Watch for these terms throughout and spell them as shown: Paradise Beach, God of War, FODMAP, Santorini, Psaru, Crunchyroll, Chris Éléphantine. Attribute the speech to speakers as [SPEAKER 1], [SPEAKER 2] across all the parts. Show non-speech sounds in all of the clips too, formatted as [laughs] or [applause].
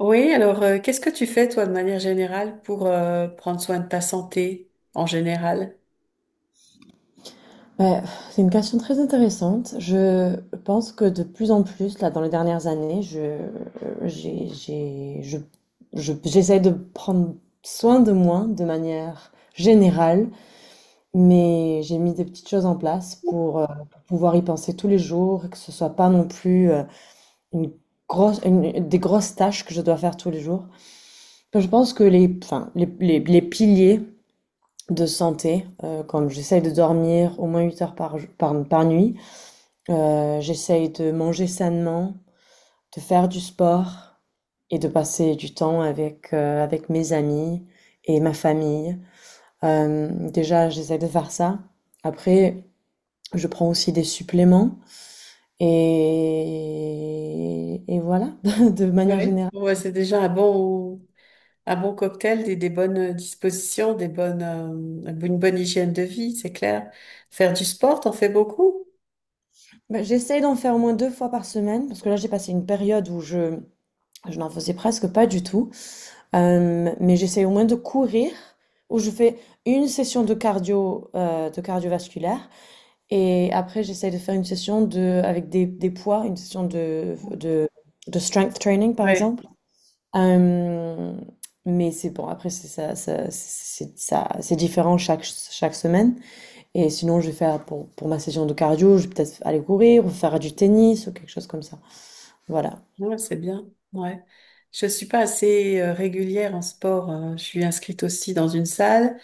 [SPEAKER 1] Oui, alors qu'est-ce que tu fais toi de manière générale pour prendre soin de ta santé en général?
[SPEAKER 2] Ouais, c'est une question très intéressante. Je pense que de plus en plus, là, dans les dernières années, je, j'ai, je- j'essaie de prendre soin de moi de manière générale, mais j'ai mis des petites choses en place pour pouvoir y penser tous les jours, et que ce soit pas non plus une grosse, des grosses tâches que je dois faire tous les jours. Je pense que les, enfin, les piliers de santé, comme j'essaie de dormir au moins 8 heures par nuit. J'essaye de manger sainement, de faire du sport et de passer du temps avec mes amis et ma famille. Déjà j'essaie de faire ça. Après, je prends aussi des suppléments et voilà, [laughs] de
[SPEAKER 1] Oui.
[SPEAKER 2] manière générale.
[SPEAKER 1] Ouais, c'est déjà un bon cocktail, des bonnes dispositions, une bonne hygiène de vie, c'est clair. Faire du sport, t'en fais beaucoup?
[SPEAKER 2] Bah, j'essaie d'en faire au moins deux fois par semaine parce que là, j'ai passé une période où je n'en faisais presque pas du tout. Mais j'essaie au moins de courir, où je fais une session de cardio, de cardiovasculaire, et après j'essaie de faire une session avec des poids, une session
[SPEAKER 1] Oui.
[SPEAKER 2] de strength training par
[SPEAKER 1] Ouais,
[SPEAKER 2] exemple. Euh, mais c'est bon, après c'est ça, ça- c'est différent chaque semaine. Et sinon, je vais faire pour ma session de cardio, je vais peut-être aller courir ou faire du tennis ou quelque chose comme ça. Voilà.
[SPEAKER 1] Ouais, c'est bien. Ouais. Je suis pas assez régulière en sport. Je suis inscrite aussi dans une salle.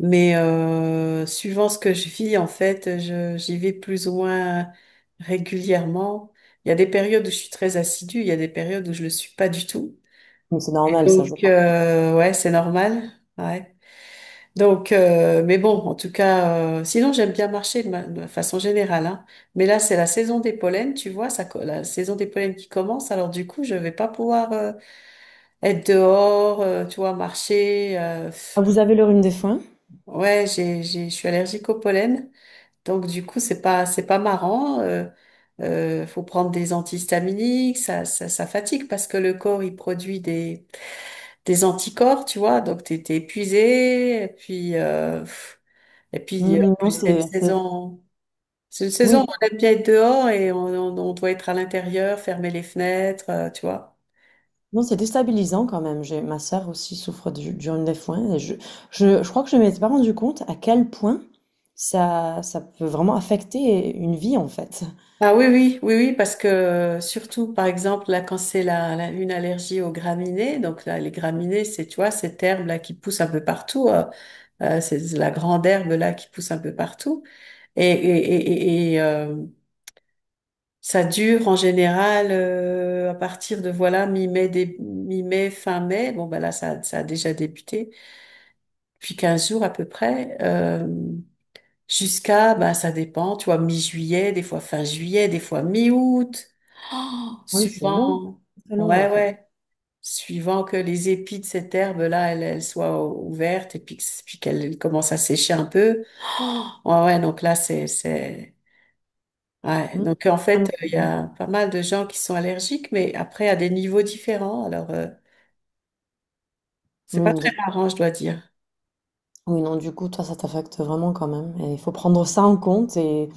[SPEAKER 1] Mais suivant ce que je vis, en fait, j'y vais plus ou moins régulièrement. Il y a des périodes où je suis très assidue, il y a des périodes où je le suis pas du tout.
[SPEAKER 2] Mais c'est normal, ça, je
[SPEAKER 1] Donc,
[SPEAKER 2] crois.
[SPEAKER 1] ouais, c'est normal. Ouais. Donc, mais bon, en tout cas, sinon j'aime bien marcher de façon générale, hein. Mais là, c'est la saison des pollens, tu vois, la saison des pollens qui commence. Alors du coup, je vais pas pouvoir être dehors, tu vois, marcher. Pff.
[SPEAKER 2] Vous avez le rhume des foins?
[SPEAKER 1] Ouais, je suis allergique au pollen. Donc du coup, c'est pas marrant. Faut prendre des antihistaminiques, ça fatigue parce que le corps il produit des anticorps, tu vois. Donc t'es épuisé, et puis et puis
[SPEAKER 2] Mmh,
[SPEAKER 1] en plus
[SPEAKER 2] non, c'est
[SPEAKER 1] c'est une
[SPEAKER 2] oui,
[SPEAKER 1] saison où on aime bien être dehors et on doit être à l'intérieur, fermer les fenêtres, tu vois.
[SPEAKER 2] non, c'est déstabilisant quand même. J'ai ma sœur aussi souffre du rhume des foins et je crois que je ne m'étais pas rendu compte à quel point ça peut vraiment affecter une vie, en fait.
[SPEAKER 1] Ah oui oui oui oui parce que surtout par exemple là quand c'est une allergie aux graminées, donc là les graminées c'est tu vois cette herbe là qui pousse un peu partout. C'est la grande herbe là qui pousse un peu partout. Et, et, et, et- et, euh, ça dure en général à partir de voilà mi-mai, mi-mai, fin mai. Bon ben là ça a déjà débuté. Puis 15 jours à peu près jusqu'à ben ça dépend. Tu vois mi-juillet, des fois fin juillet, des fois mi-août,
[SPEAKER 2] Oui, c'est long,
[SPEAKER 1] suivant.
[SPEAKER 2] c'est très long, en
[SPEAKER 1] Ouais
[SPEAKER 2] fait.
[SPEAKER 1] ouais. Suivant que les épis de cette herbe-là, elles soient ouvertes et puis, puis qu'elles commencent à sécher un peu. Oh, ouais, ouais, donc là, c'est, ouais.
[SPEAKER 2] Mmh.
[SPEAKER 1] Donc, en
[SPEAKER 2] Ah non,
[SPEAKER 1] fait,
[SPEAKER 2] c'est
[SPEAKER 1] il y
[SPEAKER 2] long,
[SPEAKER 1] a
[SPEAKER 2] hein.
[SPEAKER 1] pas mal de gens qui sont allergiques, mais après, à des niveaux différents. Alors, c'est
[SPEAKER 2] Oui,
[SPEAKER 1] pas
[SPEAKER 2] mais
[SPEAKER 1] très
[SPEAKER 2] de
[SPEAKER 1] marrant, je dois dire.
[SPEAKER 2] oui, non, du coup, toi, ça t'affecte vraiment quand même et il faut prendre ça en compte. Et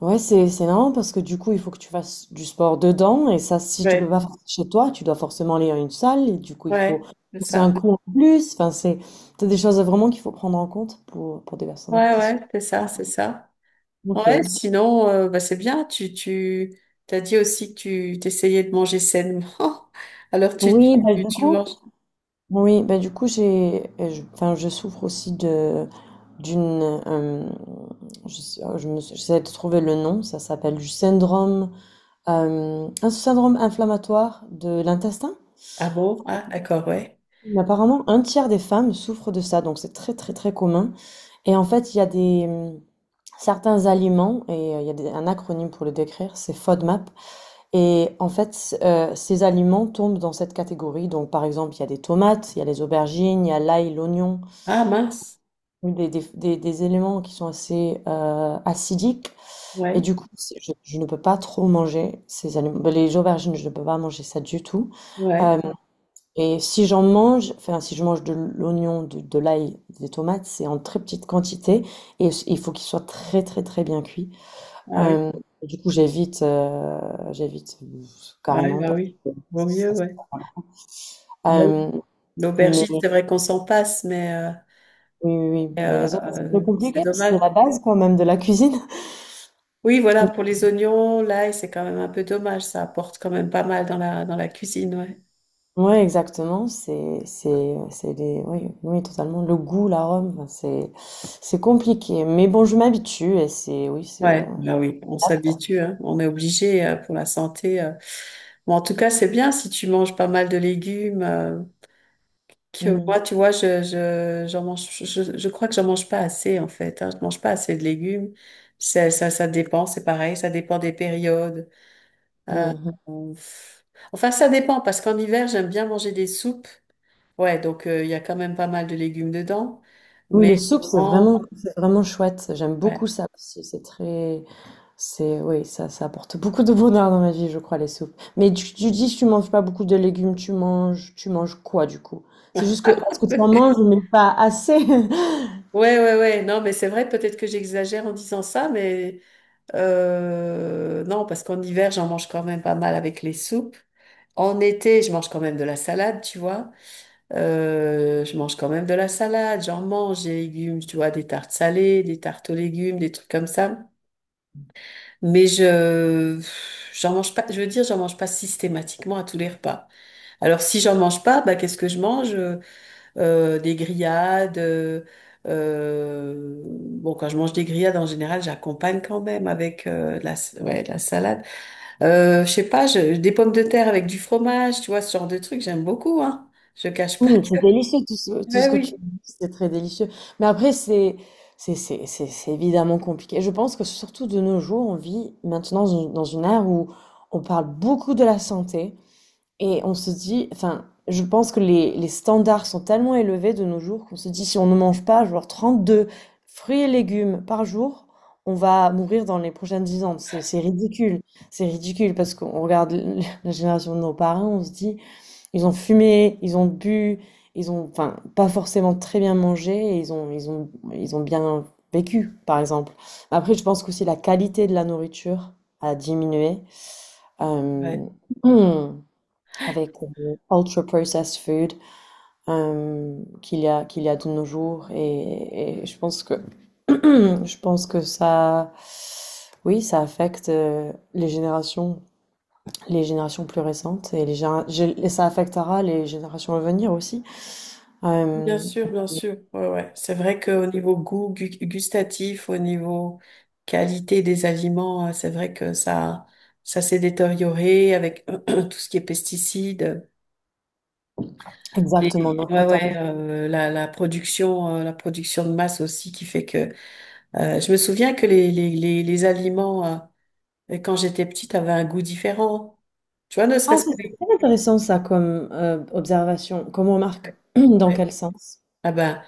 [SPEAKER 2] Ouais, c'est marrant parce que du coup, il faut que tu fasses du sport dedans et ça, si tu peux
[SPEAKER 1] Ouais,
[SPEAKER 2] pas faire ça chez toi, tu dois forcément aller à une salle et du coup, il
[SPEAKER 1] ouais,
[SPEAKER 2] faut
[SPEAKER 1] c'est
[SPEAKER 2] c'est un
[SPEAKER 1] ça.
[SPEAKER 2] coût en plus. Enfin, c'est des choses vraiment qu'il faut prendre en compte pour des personnes
[SPEAKER 1] Ouais,
[SPEAKER 2] qui sont
[SPEAKER 1] ouais, c'est
[SPEAKER 2] font
[SPEAKER 1] ça, c'est
[SPEAKER 2] ça.
[SPEAKER 1] ça. Ouais,
[SPEAKER 2] Ok.
[SPEAKER 1] sinon, bah, c'est bien. T'as dit aussi que tu t'essayais de manger sainement. [laughs] Alors,
[SPEAKER 2] Oui,
[SPEAKER 1] tu manges.
[SPEAKER 2] bah du coup, enfin, je souffre aussi de d'une, euh, j'essaie de trouver le nom. Ça s'appelle un syndrome inflammatoire de l'intestin.
[SPEAKER 1] Ah bon? Ah, d'accord, ouais.
[SPEAKER 2] Mais apparemment, un tiers des femmes souffrent de ça, donc c'est très très très commun. Et en fait, il y a des certains aliments, et il y a un acronyme pour le décrire, c'est FODMAP. Et en fait, ces aliments tombent dans cette catégorie. Donc par exemple, il y a des tomates, il y a les aubergines, il y a l'ail, l'oignon,
[SPEAKER 1] Ah, mince.
[SPEAKER 2] des éléments qui sont assez acidiques. Et
[SPEAKER 1] Ouais,
[SPEAKER 2] du coup, je ne peux pas trop manger ces aliments. Ben, les aubergines, je ne peux pas manger ça du tout.
[SPEAKER 1] ouais.
[SPEAKER 2] Euh, et si j'en mange, enfin si je mange de l'oignon, de l'ail, des tomates, c'est en très petite quantité et il faut qu'il soit très très très bien cuit.
[SPEAKER 1] Ah oui,
[SPEAKER 2] Euh, du coup, j'évite
[SPEAKER 1] ouais,
[SPEAKER 2] carrément
[SPEAKER 1] ah
[SPEAKER 2] parce
[SPEAKER 1] oui.
[SPEAKER 2] que
[SPEAKER 1] Vaut mieux,
[SPEAKER 2] ça, c'est
[SPEAKER 1] ouais.
[SPEAKER 2] pas
[SPEAKER 1] Bon,
[SPEAKER 2] bon. Euh, mais
[SPEAKER 1] l'aubergine,
[SPEAKER 2] oui,
[SPEAKER 1] c'est vrai qu'on s'en passe,
[SPEAKER 2] oui, oui.
[SPEAKER 1] mais,
[SPEAKER 2] Mais les autres, c'est plus
[SPEAKER 1] c'est
[SPEAKER 2] compliqué parce que c'est
[SPEAKER 1] dommage.
[SPEAKER 2] la base quand même de la cuisine.
[SPEAKER 1] Oui, voilà, pour
[SPEAKER 2] [laughs]
[SPEAKER 1] les oignons, l'ail, c'est quand même un peu dommage. Ça apporte quand même pas mal dans la cuisine, ouais.
[SPEAKER 2] Oui, exactement. C'est des, oui, oui, totalement. Le goût, l'arôme, enfin, c'est compliqué. Mais bon, je m'habitue et oui, c'est.
[SPEAKER 1] Ouais, bah oui, on
[SPEAKER 2] Apte.
[SPEAKER 1] s'habitue, hein. On est obligé pour la santé. Bon, en tout cas, c'est bien si tu manges pas mal de légumes. Que moi,
[SPEAKER 2] Mhm.
[SPEAKER 1] tu vois, j'en mange, je crois que j'en mange pas assez, en fait, hein. Je mange pas assez de légumes. Ça dépend, c'est pareil, ça dépend des périodes. Euh,
[SPEAKER 2] Mhm.
[SPEAKER 1] pff. Enfin, ça dépend, parce qu'en hiver, j'aime bien manger des soupes. Ouais, donc il y a quand même pas mal de légumes dedans.
[SPEAKER 2] Oui,
[SPEAKER 1] Mais
[SPEAKER 2] les soupes,
[SPEAKER 1] en...
[SPEAKER 2] c'est vraiment chouette. J'aime beaucoup
[SPEAKER 1] Ouais.
[SPEAKER 2] ça aussi. Oui, ça apporte beaucoup de bonheur dans ma vie, je crois, les soupes. Mais tu dis que tu manges pas beaucoup de légumes, tu manges quoi, du coup? C'est juste que, est-ce que tu en manges,
[SPEAKER 1] [laughs]
[SPEAKER 2] mais pas assez? [laughs]
[SPEAKER 1] Ouais, ouais, ouais. Non, mais c'est vrai, peut-être que j'exagère en disant ça, mais non, parce qu'en hiver, j'en mange quand même pas mal avec les soupes. En été, je mange quand même de la salade, tu vois. Je mange quand même de la salade, j'en mange des légumes, tu vois, des tartes salées, des tartes aux légumes, des trucs comme ça. Mais j'en mange pas, je veux dire, j'en mange pas systématiquement à tous les repas. Alors, si j'en mange pas, bah, qu'est-ce que je mange? Des grillades, bon, quand je mange des grillades, en général, j'accompagne quand même avec ouais, de la salade. Je sais pas, des pommes de terre avec du fromage, tu vois, ce genre de trucs, j'aime beaucoup, hein. Je cache pas
[SPEAKER 2] Oui, c'est
[SPEAKER 1] que,
[SPEAKER 2] délicieux,
[SPEAKER 1] [laughs]
[SPEAKER 2] tout ce
[SPEAKER 1] ouais,
[SPEAKER 2] que tu
[SPEAKER 1] oui.
[SPEAKER 2] dis, c'est très délicieux. Mais après, c'est évidemment compliqué. Je pense que surtout de nos jours, on vit maintenant dans une ère où on parle beaucoup de la santé. Et on se dit, enfin, je pense que les standards sont tellement élevés de nos jours qu'on se dit, si on ne mange pas, genre 32 fruits et légumes par jour, on va mourir dans les prochaines 10 ans. C'est ridicule. C'est ridicule parce qu'on regarde [laughs] la génération de nos parents, on se dit, ils ont fumé, ils ont bu, ils ont, enfin, pas forcément très bien mangé, et ils ont bien vécu, par exemple. Après, je pense qu'aussi la qualité de la nourriture a diminué. Euh,
[SPEAKER 1] Ouais.
[SPEAKER 2] hmm Avec ultra processed food qu'il y a de nos jours et je pense que [clears throat] je pense que ça, oui, ça affecte les générations plus récentes et ça affectera les générations à venir aussi.
[SPEAKER 1] Bien
[SPEAKER 2] Euh,
[SPEAKER 1] sûr, bien sûr. Ouais, ouais. C'est vrai qu'au niveau goût gustatif, au niveau qualité des aliments, c'est vrai que ça s'est détérioré avec [clears throat] tout ce qui est pesticides,
[SPEAKER 2] Exactement, non,
[SPEAKER 1] ouais, ouais,
[SPEAKER 2] totalement.
[SPEAKER 1] la production de masse aussi qui fait que, je me souviens que les aliments, quand j'étais petite, avaient un goût différent. Tu vois, ne
[SPEAKER 2] Ah,
[SPEAKER 1] serait-ce que
[SPEAKER 2] c'est très intéressant ça comme observation, comme remarque.
[SPEAKER 1] ouais,
[SPEAKER 2] [clears throat] Dans
[SPEAKER 1] ouais.
[SPEAKER 2] quel sens?
[SPEAKER 1] Ah ben,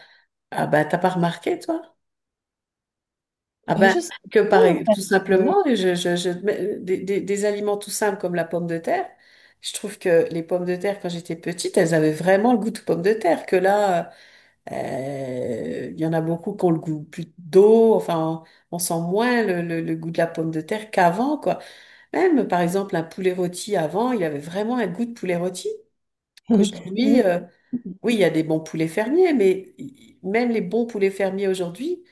[SPEAKER 1] ah ben, t'as pas remarqué, toi? Ah
[SPEAKER 2] Ben,
[SPEAKER 1] ben,
[SPEAKER 2] je sais
[SPEAKER 1] que
[SPEAKER 2] pas, en
[SPEAKER 1] pareil,
[SPEAKER 2] fait.
[SPEAKER 1] tout
[SPEAKER 2] Je-
[SPEAKER 1] simplement, je, mais, des aliments tout simples comme la pomme de terre. Je trouve que les pommes de terre, quand j'étais petite, elles avaient vraiment le goût de pommes de terre. Que là, il y en a beaucoup qui ont le goût plus d'eau. Enfin, on sent moins le goût de la pomme de terre qu'avant, quoi. Même, par exemple, un poulet rôti avant, il avait vraiment un goût de poulet rôti.
[SPEAKER 2] [laughs]
[SPEAKER 1] Qu'aujourd'hui,
[SPEAKER 2] je-
[SPEAKER 1] oui, il y a des bons poulets fermiers, mais même les bons poulets fermiers aujourd'hui,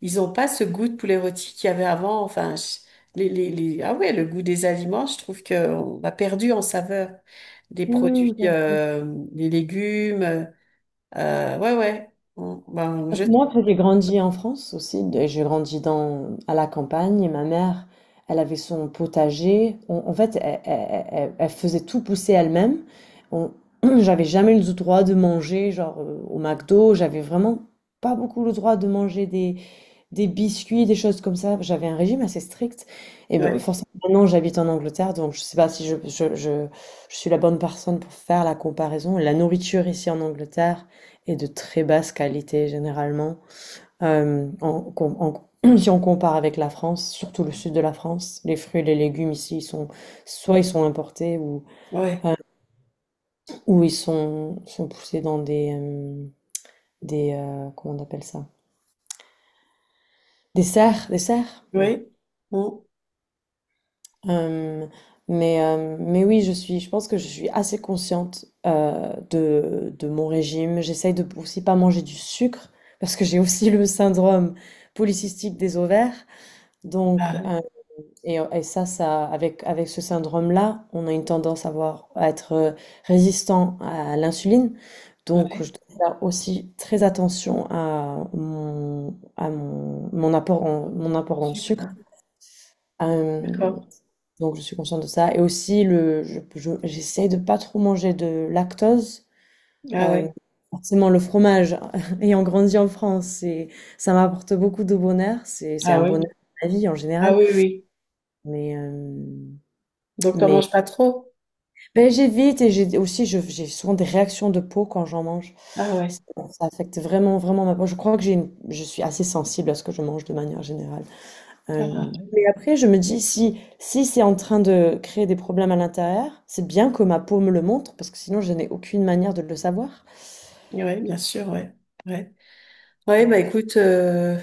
[SPEAKER 1] ils ont pas ce goût de poulet rôti qu'il y avait avant. Enfin, ah ouais, le goût des aliments, je trouve qu'on a perdu en saveur des
[SPEAKER 2] Hmm,
[SPEAKER 1] produits, des légumes. Ouais, ouais. Mm, ben,
[SPEAKER 2] Parce que moi, après, j'ai grandi en France aussi, et j'ai grandi à la campagne, et ma mère, elle avait son potager. En fait, elle faisait tout pousser elle-même. On- [clears throat] J'avais jamais le droit de manger, genre au McDo. J'avais vraiment pas beaucoup le droit de manger des biscuits, des choses comme ça. J'avais un régime assez strict et ben,
[SPEAKER 1] ouais,
[SPEAKER 2] forcément maintenant j'habite en Angleterre, donc je sais pas si je suis la bonne personne pour faire la comparaison. La nourriture ici en Angleterre est de très basse qualité généralement. Hem, en com en [clears throat] Si on compare avec la France, surtout le sud de la France, les fruits et les légumes ici, ils sont soit ils sont importés
[SPEAKER 1] ouais,
[SPEAKER 2] ou ils sont poussés dans des, comment on appelle ça? Des serres? Oui.
[SPEAKER 1] ouais. Mm.
[SPEAKER 2] Euh, mais oui, je pense que je suis assez consciente de mon régime. J'essaye de aussi pas manger du sucre parce que j'ai aussi le syndrome polycystique des ovaires. Donc,
[SPEAKER 1] Ah ouais,
[SPEAKER 2] euh, et, et ça, ça, avec ce syndrome-là, on a une tendance à être résistant à l'insuline.
[SPEAKER 1] ah
[SPEAKER 2] Donc,
[SPEAKER 1] ouais.
[SPEAKER 2] je dois faire aussi très attention à mon apport en
[SPEAKER 1] Sucre, ouais.
[SPEAKER 2] sucre. Euh,
[SPEAKER 1] D'accord.
[SPEAKER 2] donc je suis consciente de ça. Et aussi, j'essaye de pas trop manger de lactose.
[SPEAKER 1] Ah
[SPEAKER 2] Euh,
[SPEAKER 1] ouais.
[SPEAKER 2] Forcément, le fromage, [laughs] ayant grandi en France, ça m'apporte beaucoup de bonheur. C'est
[SPEAKER 1] Ah
[SPEAKER 2] un
[SPEAKER 1] oui.
[SPEAKER 2] bonheur de la vie en
[SPEAKER 1] Ah
[SPEAKER 2] général.
[SPEAKER 1] oui, oui.
[SPEAKER 2] Mais, euh,
[SPEAKER 1] Donc, t'en
[SPEAKER 2] mais
[SPEAKER 1] manges pas trop?
[SPEAKER 2] ben, j'évite et j'ai aussi, j'ai souvent des réactions de peau quand j'en mange.
[SPEAKER 1] Ah ouais.
[SPEAKER 2] Ça affecte vraiment, vraiment ma peau. Je crois que je suis assez sensible à ce que je mange de manière générale.
[SPEAKER 1] Ah
[SPEAKER 2] Mais après, je me dis, si, c'est en train de créer des problèmes à l'intérieur, c'est bien que ma peau me le montre, parce que sinon, je n'ai aucune manière de le savoir.
[SPEAKER 1] ouais. Ouais, bien sûr, ouais. Ouais. Ouais,
[SPEAKER 2] Mais
[SPEAKER 1] bah
[SPEAKER 2] bon.
[SPEAKER 1] écoute.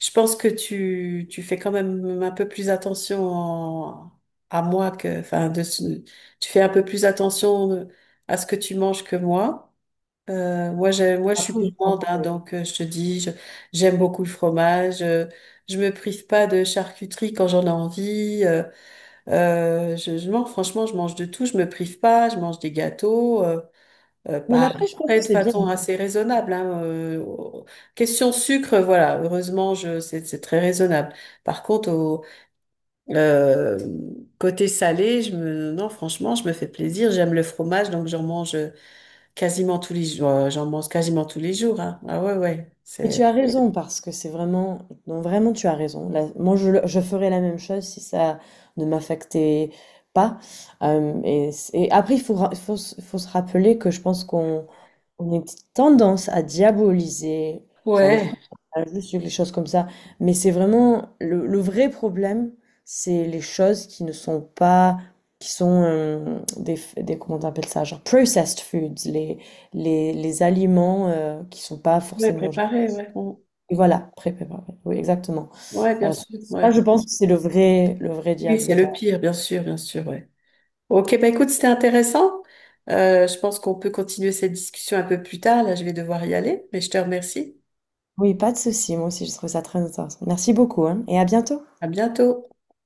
[SPEAKER 1] Je pense que tu fais quand même un peu plus attention à moi que, enfin, tu fais un peu plus attention à ce que tu manges que moi. Moi, je suis
[SPEAKER 2] Après, je pense
[SPEAKER 1] gourmande, hein,
[SPEAKER 2] que.
[SPEAKER 1] donc je te dis, j'aime beaucoup le fromage. Je me prive pas de charcuterie quand j'en ai envie. Je mange, franchement, je mange de tout. Je me prive pas. Je mange des gâteaux.
[SPEAKER 2] Non, mais
[SPEAKER 1] Bah,
[SPEAKER 2] après, je pense
[SPEAKER 1] après,
[SPEAKER 2] que
[SPEAKER 1] de
[SPEAKER 2] c'est bien.
[SPEAKER 1] façon assez raisonnable, hein. Question sucre, voilà, heureusement, c'est très raisonnable. Par contre, au euh, côté salé, non, franchement, je me fais plaisir. J'aime le fromage, donc j'en mange quasiment tous les jours. J'en mange quasiment tous les jours, hein. Ah ouais, ouais,
[SPEAKER 2] Et tu
[SPEAKER 1] c'est
[SPEAKER 2] as raison, parce que c'est vraiment. Non, vraiment, tu as raison. Là, moi, je ferais la même chose si ça ne m'affectait pas. Et après, il faut se rappeler que je pense qu'on on a une petite tendance à diaboliser, genre le
[SPEAKER 1] ouais,
[SPEAKER 2] fromage, le les choses comme ça. Mais c'est vraiment le vrai problème, c'est les choses qui ne sont pas, qui sont des, comment on appelle ça, genre processed foods, les aliments qui sont pas
[SPEAKER 1] ouais,
[SPEAKER 2] forcément genre.
[SPEAKER 1] préparé, ouais,
[SPEAKER 2] Et voilà, pré-préparés. Oui, exactement.
[SPEAKER 1] ouais, bien sûr,
[SPEAKER 2] Ça,
[SPEAKER 1] ouais.
[SPEAKER 2] je pense que c'est le vrai,
[SPEAKER 1] Oui, c'est
[SPEAKER 2] diable
[SPEAKER 1] le
[SPEAKER 2] dans.
[SPEAKER 1] pire, bien sûr, ouais. Ok, bah écoute, c'était intéressant. Je pense qu'on peut continuer cette discussion un peu plus tard. Là, je vais devoir y aller, mais je te remercie.
[SPEAKER 2] Oui, pas de souci. Moi aussi, je trouve ça très intéressant. Merci beaucoup, hein, et à bientôt.
[SPEAKER 1] À bientôt.